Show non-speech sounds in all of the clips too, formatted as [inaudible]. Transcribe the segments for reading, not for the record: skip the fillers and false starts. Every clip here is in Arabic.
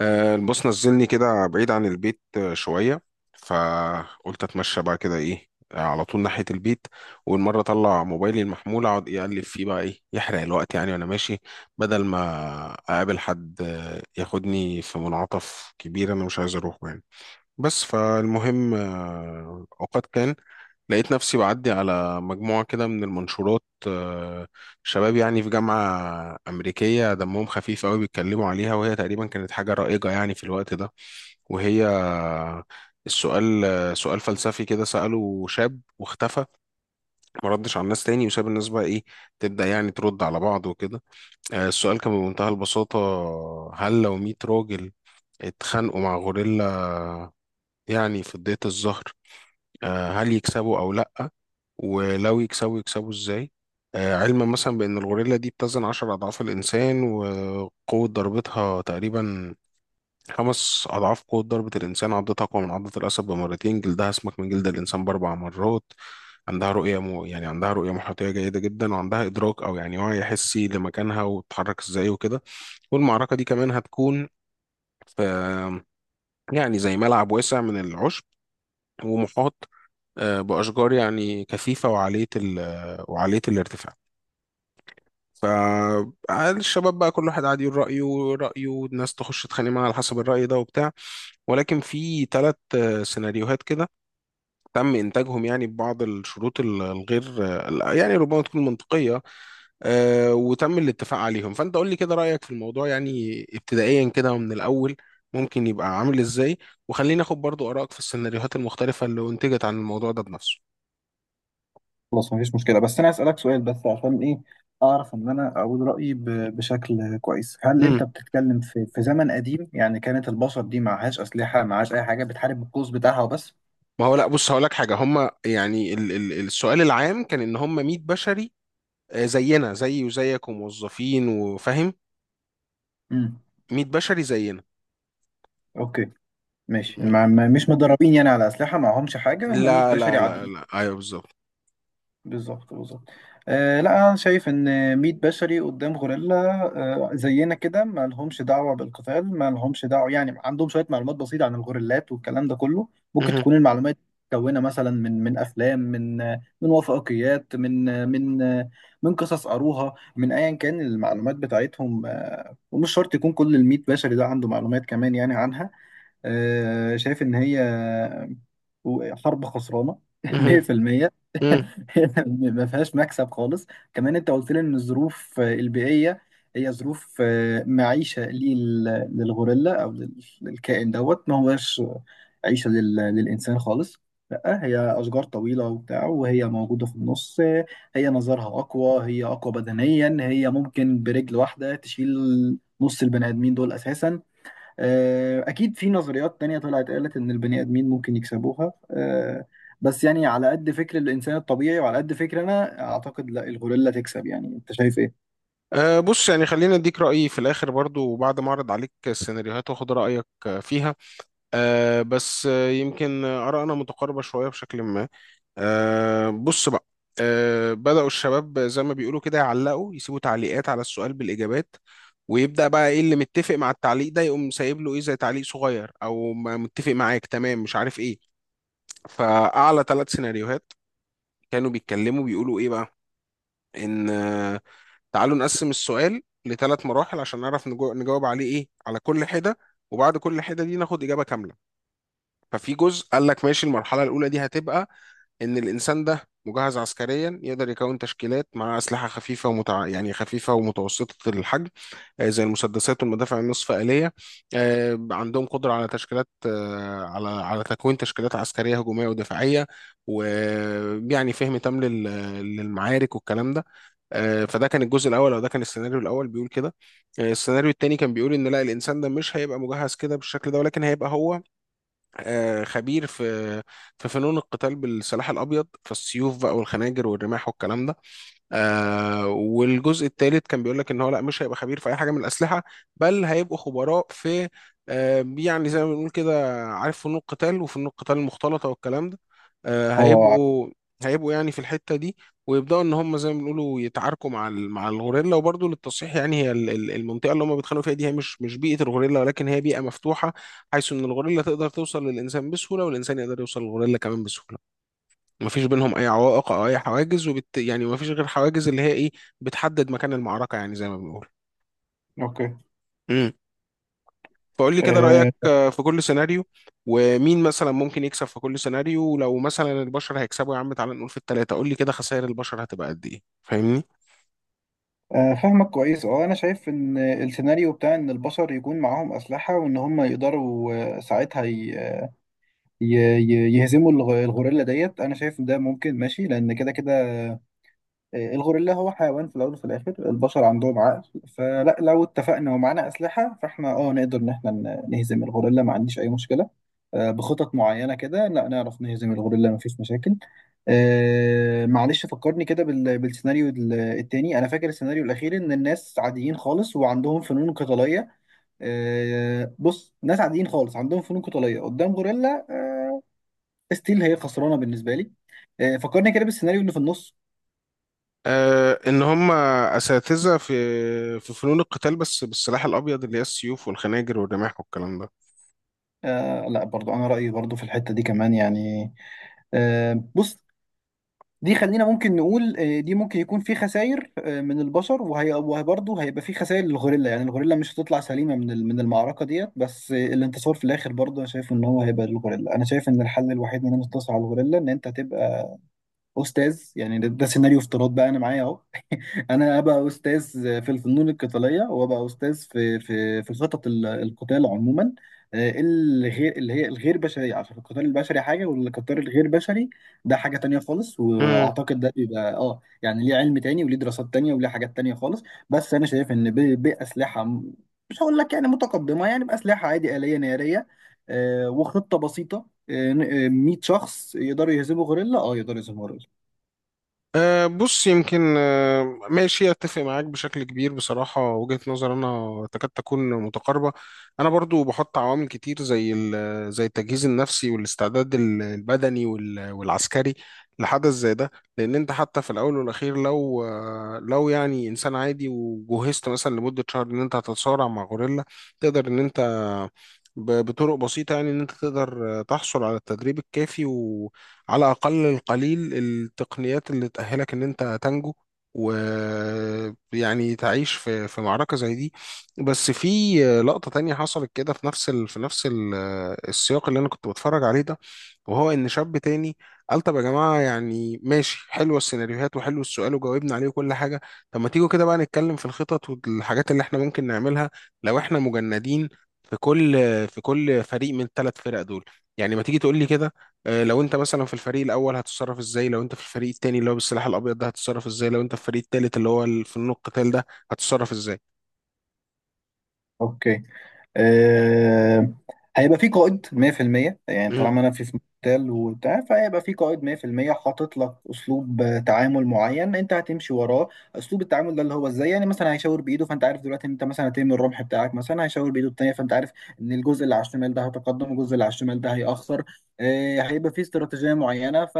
البوس نزلني كده بعيد عن البيت شوية. فقلت اتمشى بقى كده ايه على طول ناحية البيت. والمرة اطلع موبايلي المحمول اقعد يقلب فيه بقى ايه يحرق الوقت يعني وانا ماشي بدل ما اقابل حد، ياخدني في منعطف كبير انا مش عايز اروحه يعني. بس فالمهم، اوقات كان لقيت نفسي بعدي على مجموعة كده من المنشورات شباب يعني في جامعة أمريكية دمهم خفيف قوي بيتكلموا عليها، وهي تقريبا كانت حاجة رائجة يعني في الوقت ده. وهي السؤال، سؤال فلسفي كده سأله شاب واختفى، ما ردش على الناس تاني وساب الناس بقى إيه تبدأ يعني ترد على بعض وكده. السؤال كان بمنتهى البساطة: هل لو 100 راجل اتخانقوا مع غوريلا يعني في ضيت الظهر، هل يكسبوا او لا؟ ولو يكسبوا يكسبوا ازاي؟ علما مثلا بان الغوريلا دي بتزن عشر اضعاف الانسان، وقوة ضربتها تقريبا خمس اضعاف قوة ضربة الانسان، عضتها اقوى من عضة الاسد بمرتين، جلدها اسمك من جلد الانسان باربع مرات، عندها رؤية يعني عندها رؤية محيطية جيدة جدا، وعندها إدراك أو يعني وعي حسي لمكانها وتتحرك إزاي وكده. والمعركة دي كمان هتكون في يعني زي ملعب واسع من العشب، ومحاط بأشجار يعني كثيفة وعالية ال آه، وعالية الارتفاع. فالشباب بقى كل واحد قاعد يقول رأيه، والناس تخش تتخانق معاه على حسب الرأي ده وبتاع. ولكن في ثلاث سيناريوهات كده تم إنتاجهم يعني ببعض الشروط الغير يعني ربما تكون منطقية، وتم الاتفاق عليهم. فأنت قول لي كده رأيك في الموضوع يعني ابتدائيا كده ومن الأول ممكن يبقى عامل إزاي، وخلينا ناخد برضو آرائك في السيناريوهات المختلفة اللي أنتجت عن الموضوع ده بنفسه. خلاص مفيش مشكلة، بس أنا أسألك سؤال بس عشان إيه أعرف إن أنا أقول رأيي بشكل كويس. هل أنت بتتكلم في زمن قديم؟ يعني كانت البشر دي معهاش أسلحة، معهاش أي حاجة، بتحارب بالقوس بتاعها وبس. ما هو لا بص هقول لك حاجه، هم يعني ال السؤال العام كان ان هم 100 بشري، زينا زيي وزيك وموظفين وفاهم. امم 100 بشري زينا. أوكي ماشي. م- مش مدربين يعني على أسلحة، معهمش حاجة، هم 100 لا بشري لا لا عاديين. لا ايوه بالظبط. بالظبط، بالظبط. آه لا، انا شايف ان 100 بشري قدام غوريلا آه زينا كده، ما لهمش دعوه بالقتال، ما لهمش دعوه، يعني عندهم شويه معلومات بسيطه عن الغوريلات والكلام ده كله. ممكن مهم. تكون المعلومات متكونه مثلا من افلام من وثائقيات من قصص قروها، من ايا كان المعلومات بتاعتهم. آه ومش شرط يكون كل ال 100 بشري ده عنده معلومات كمان يعني عنها. آه شايف ان هي وحرب خسرانه [laughs] مهم. 100%. مم. [laughs] ما فيهاش مكسب خالص. كمان انت قلت لي ان الظروف البيئيه هي ظروف معيشه للغوريلا او للكائن دوت، ما هوش عيشه للانسان خالص. لا، هي اشجار طويله وبتاع، وهي موجوده في النص، هي نظرها اقوى، هي اقوى بدنيا، هي ممكن برجل واحده تشيل نص البني ادمين دول اساسا. أكيد في نظريات تانية طلعت قالت إن البني آدمين ممكن يكسبوها، بس يعني على قد فكر الإنسان الطبيعي وعلى قد فكر، أنا أعتقد لا، الغوريلا تكسب، يعني أنت شايف إيه؟ بص يعني خلينا اديك رايي في الاخر برضو، وبعد ما اعرض عليك السيناريوهات واخد رايك فيها. بس يمكن آرائنا متقاربه شويه بشكل ما. أه بص بقى. أه بدأوا الشباب زي ما بيقولوا كده يعلقوا، يسيبوا تعليقات على السؤال بالإجابات، ويبدأ بقى ايه اللي متفق مع التعليق ده يقوم سايب له ايه زي تعليق صغير، او ما متفق معاك تمام مش عارف ايه. فأعلى ثلاث سيناريوهات كانوا بيتكلموا بيقولوا ايه بقى؟ ان تعالوا نقسم السؤال لثلاث مراحل عشان نعرف نجاوب عليه ايه على كل حدة، وبعد كل حدة دي ناخد إجابة كاملة. ففي جزء قال لك ماشي، المرحلة الأولى دي هتبقى ان الانسان ده مجهز عسكريا، يقدر يكون تشكيلات مع اسلحه خفيفه يعني خفيفه ومتوسطه الحجم، زي المسدسات والمدافع النصف آلية. عندهم قدره على تشكيلات، على تكوين تشكيلات عسكريه هجوميه ودفاعيه، ويعني فهم تام للمعارك والكلام ده. فده كان الجزء الاول، او ده كان السيناريو الاول بيقول كده. السيناريو التاني كان بيقول ان لا، الانسان ده مش هيبقى مجهز كده بالشكل ده، ولكن هيبقى هو خبير في فنون القتال بالسلاح الابيض، فالسيوف بقى والخناجر والرماح والكلام ده. آه، والجزء الثالث كان بيقول لك ان هو لا، مش هيبقى خبير في اي حاجه من الاسلحه، بل هيبقوا خبراء في آه يعني زي ما بنقول كده، عارف، فنون القتال وفنون القتال المختلطه والكلام ده. آه اه. هيبقوا، هيبقوا يعني في الحته دي، ويبداوا ان هم زي ما بنقولوا يتعاركوا مع مع الغوريلا. وبرضه للتصحيح، يعني هي المنطقه اللي هم بيتخانقوا فيها دي هي مش بيئه الغوريلا، ولكن هي بيئه مفتوحه، حيث ان الغوريلا تقدر توصل للانسان بسهوله، والانسان يقدر يوصل للغوريلا كمان بسهوله، مفيش بينهم اي عوائق او اي حواجز. يعني مفيش غير حواجز اللي هي ايه بتحدد مكان المعركه، يعني زي ما بنقول. اوكي. امم. فقول لي كده رايك أه. في كل سيناريو، ومين مثلا ممكن يكسب في كل سيناريو، ولو مثلا البشر هيكسبوا يا عم تعالى نقول في الثلاثه، قول لي كده خسائر البشر هتبقى قد ايه، فاهمني. فاهمك كويس. اه انا شايف ان السيناريو بتاع ان البشر يكون معاهم اسلحه وان هم يقدروا ساعتها ي- يهزموا الغوريلا ديت، انا شايف إن ده ممكن ماشي لان كده كده. الغوريلا هو حيوان في الأول وفي الآخر، البشر عندهم عقل. فلا، لو اتفقنا ومعانا أسلحة فاحنا نقدر إن احنا نهزم الغوريلا، ما عنديش أي مشكلة. بخطط معينة كده لا نعرف نهزم الغوريلا، مفيش مشاكل. معلش، فكرني كده بالسيناريو التاني، أنا فاكر السيناريو الأخير إن الناس عاديين خالص وعندهم فنون قتالية. بص، ناس عاديين خالص عندهم فنون قتالية قدام غوريلا، ستيل هي خسرانة بالنسبة لي. فكرني كده بالسيناريو اللي في النص. آه ان هم اساتذه في فنون القتال بس بالسلاح الابيض، اللي هي السيوف والخناجر والرماح والكلام آه لا، برضو انا رايي برضو في الحته دي كمان يعني. آه بص، دي خلينا ممكن نقول آه، دي ممكن يكون في خسائر آه من البشر، وهي، وبرضه هيبقى في خسائر للغوريلا، يعني الغوريلا مش هتطلع سليمه من المعركه ديت. بس آه الانتصار في الاخر برضه انا شايف ان هو هيبقى للغوريلا. انا شايف ان الحل الوحيد ان انا انتصر على الغوريلا ان انت تبقى استاذ. يعني ده سيناريو افتراض بقى، انا معايا اهو، انا ابقى استاذ في الفنون القتاليه، وابقى استاذ في خطط القتال عموما. الغير اللي هي الغير بشريه، عشان القتال البشري حاجه والقتال الغير بشري ده حاجه تانية خالص. ده. واعتقد ده بيبقى يعني ليه علم تاني، وليه دراسات تانية، وليه حاجات تانية خالص. بس انا شايف ان باسلحه مش هقول لك يعني متقدمه، يعني باسلحه عادي آليه ناريه، وخطه بسيطه، 100 شخص يقدروا يهزموا غوريلا، يقدروا يهزموا غوريلا. أه بص، يمكن أه ماشي، اتفق معاك بشكل كبير بصراحة، وجهة نظر انا تكاد تكون متقاربة. انا برضو بحط عوامل كتير زي زي التجهيز النفسي والاستعداد البدني والعسكري لحدث زي ده، لان انت حتى في الاول والاخير لو لو يعني انسان عادي وجهزت مثلا لمدة شهر ان انت هتتصارع مع غوريلا، تقدر ان انت بطرق بسيطة يعني ان انت تقدر تحصل على التدريب الكافي على أقل القليل التقنيات اللي تأهلك إن أنت تنجو، ويعني تعيش في معركة زي دي. بس في لقطة تانية حصلت كده في في نفس السياق اللي أنا كنت بتفرج عليه ده، وهو إن شاب تاني قال طب يا جماعة يعني ماشي، حلوة السيناريوهات وحلو السؤال وجاوبنا عليه وكل حاجة. طب ما تيجوا كده بقى نتكلم في الخطط والحاجات اللي احنا ممكن نعملها لو احنا مجندين في كل فريق من الثلاث فرق دول. يعني ما تيجي تقول لي كده لو انت مثلا في الفريق الاول هتتصرف ازاي، لو انت في الفريق التاني اللي هو بالسلاح الابيض ده هتتصرف ازاي، لو انت في الفريق التالت اللي هو فنون القتال ده هتتصرف ازاي. اوكي. آه، هيبقى في قائد 100%. يعني مهم. طالما انا في مقتل وبتاع، فهيبقى في قائد 100% حاطط لك اسلوب تعامل معين، انت هتمشي وراه. اسلوب التعامل ده اللي هو ازاي، يعني مثلا هيشاور بايده فانت عارف دلوقتي ان انت مثلا هترمي الرمح بتاعك، مثلا هيشاور بايده التانيه فانت عارف ان الجزء اللي على الشمال ده هيتقدم، والجزء اللي على الشمال ده هيأخر. هيبقى في استراتيجيه معينه. ف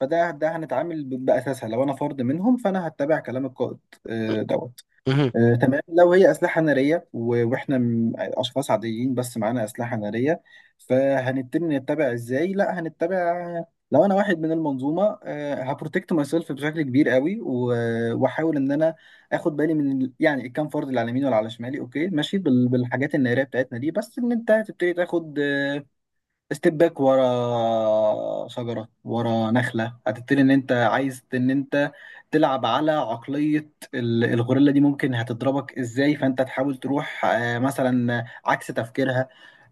فده ده هنتعامل باساسها. لو انا فرد منهم فانا هتبع كلام القائد. دوت. مهم. تمام. لو هي أسلحة نارية وإحنا أشخاص عاديين بس معانا أسلحة نارية، فهنتم نتبع إزاي؟ لا، هنتبع. لو أنا واحد من المنظومة هبروتكت ماي سيلف بشكل كبير قوي، وأحاول إن أنا آخد بالي يعني الكام فرد اللي على يميني ولا على شمالي. أوكي ماشي بالحاجات النارية بتاعتنا دي، بس إن أنت هتبتدي تاخد ستيب باك ورا شجرة، ورا نخلة، هتبتدي ان انت عايز ان انت تلعب على عقلية الغوريلا دي ممكن هتضربك ازاي، فانت تحاول تروح مثلا عكس تفكيرها.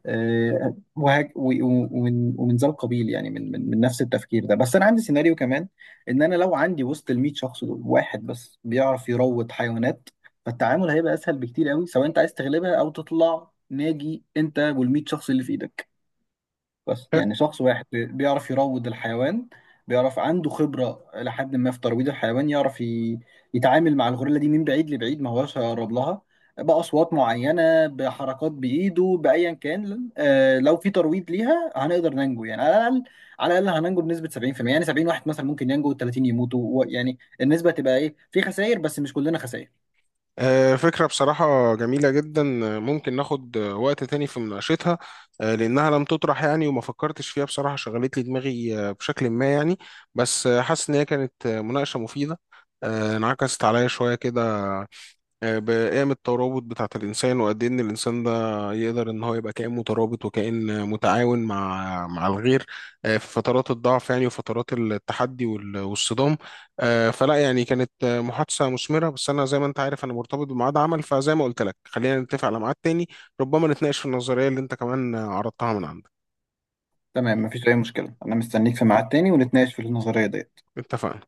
ومن ذا القبيل، يعني من نفس التفكير ده. بس انا عندي سيناريو كمان ان انا لو عندي وسط ال 100 شخص دول واحد بس بيعرف يروض حيوانات، فالتعامل هيبقى اسهل بكتير قوي، سواء انت عايز تغلبها او تطلع ناجي انت وال 100 شخص اللي في ايدك. بس آه. يعني شخص واحد بيعرف يروض الحيوان، بيعرف عنده خبرة إلى حد ما في ترويض الحيوان، يعرف يتعامل مع الغوريلا دي من بعيد لبعيد، ما هوش هيقرب لها، بأصوات معينة، بحركات بإيده، بأيا كان. لو في ترويض ليها هنقدر ننجو، يعني على الأقل، على الأقل هننجو بنسبة 70%، يعني 70 واحد مثلا ممكن ينجو و30 يموتوا يعني النسبة تبقى إيه في خسائر، بس مش كلنا خسائر. فكرة بصراحة جميلة جدا، ممكن ناخد وقت تاني في مناقشتها، لأنها لم تطرح يعني وما فكرتش فيها بصراحة، شغلت لي دماغي بشكل ما يعني. بس حاسس إن هي كانت مناقشة مفيدة، انعكست عليا شوية كده بقيم الترابط بتاعة الإنسان وقد إيه إن الإنسان ده يقدر إن هو يبقى كائن مترابط وكائن متعاون مع الغير في فترات الضعف يعني، وفترات التحدي والصدام. فلا يعني كانت محادثة مثمرة، بس أنا زي ما أنت عارف أنا مرتبط بميعاد عمل، فزي ما قلت لك خلينا نتفق على ميعاد تاني ربما نتناقش في النظرية اللي أنت كمان عرضتها من عندك. تمام، مفيش أي مشكلة، أنا مستنيك في ميعاد تاني ونتناقش في النظرية دي. اتفقنا.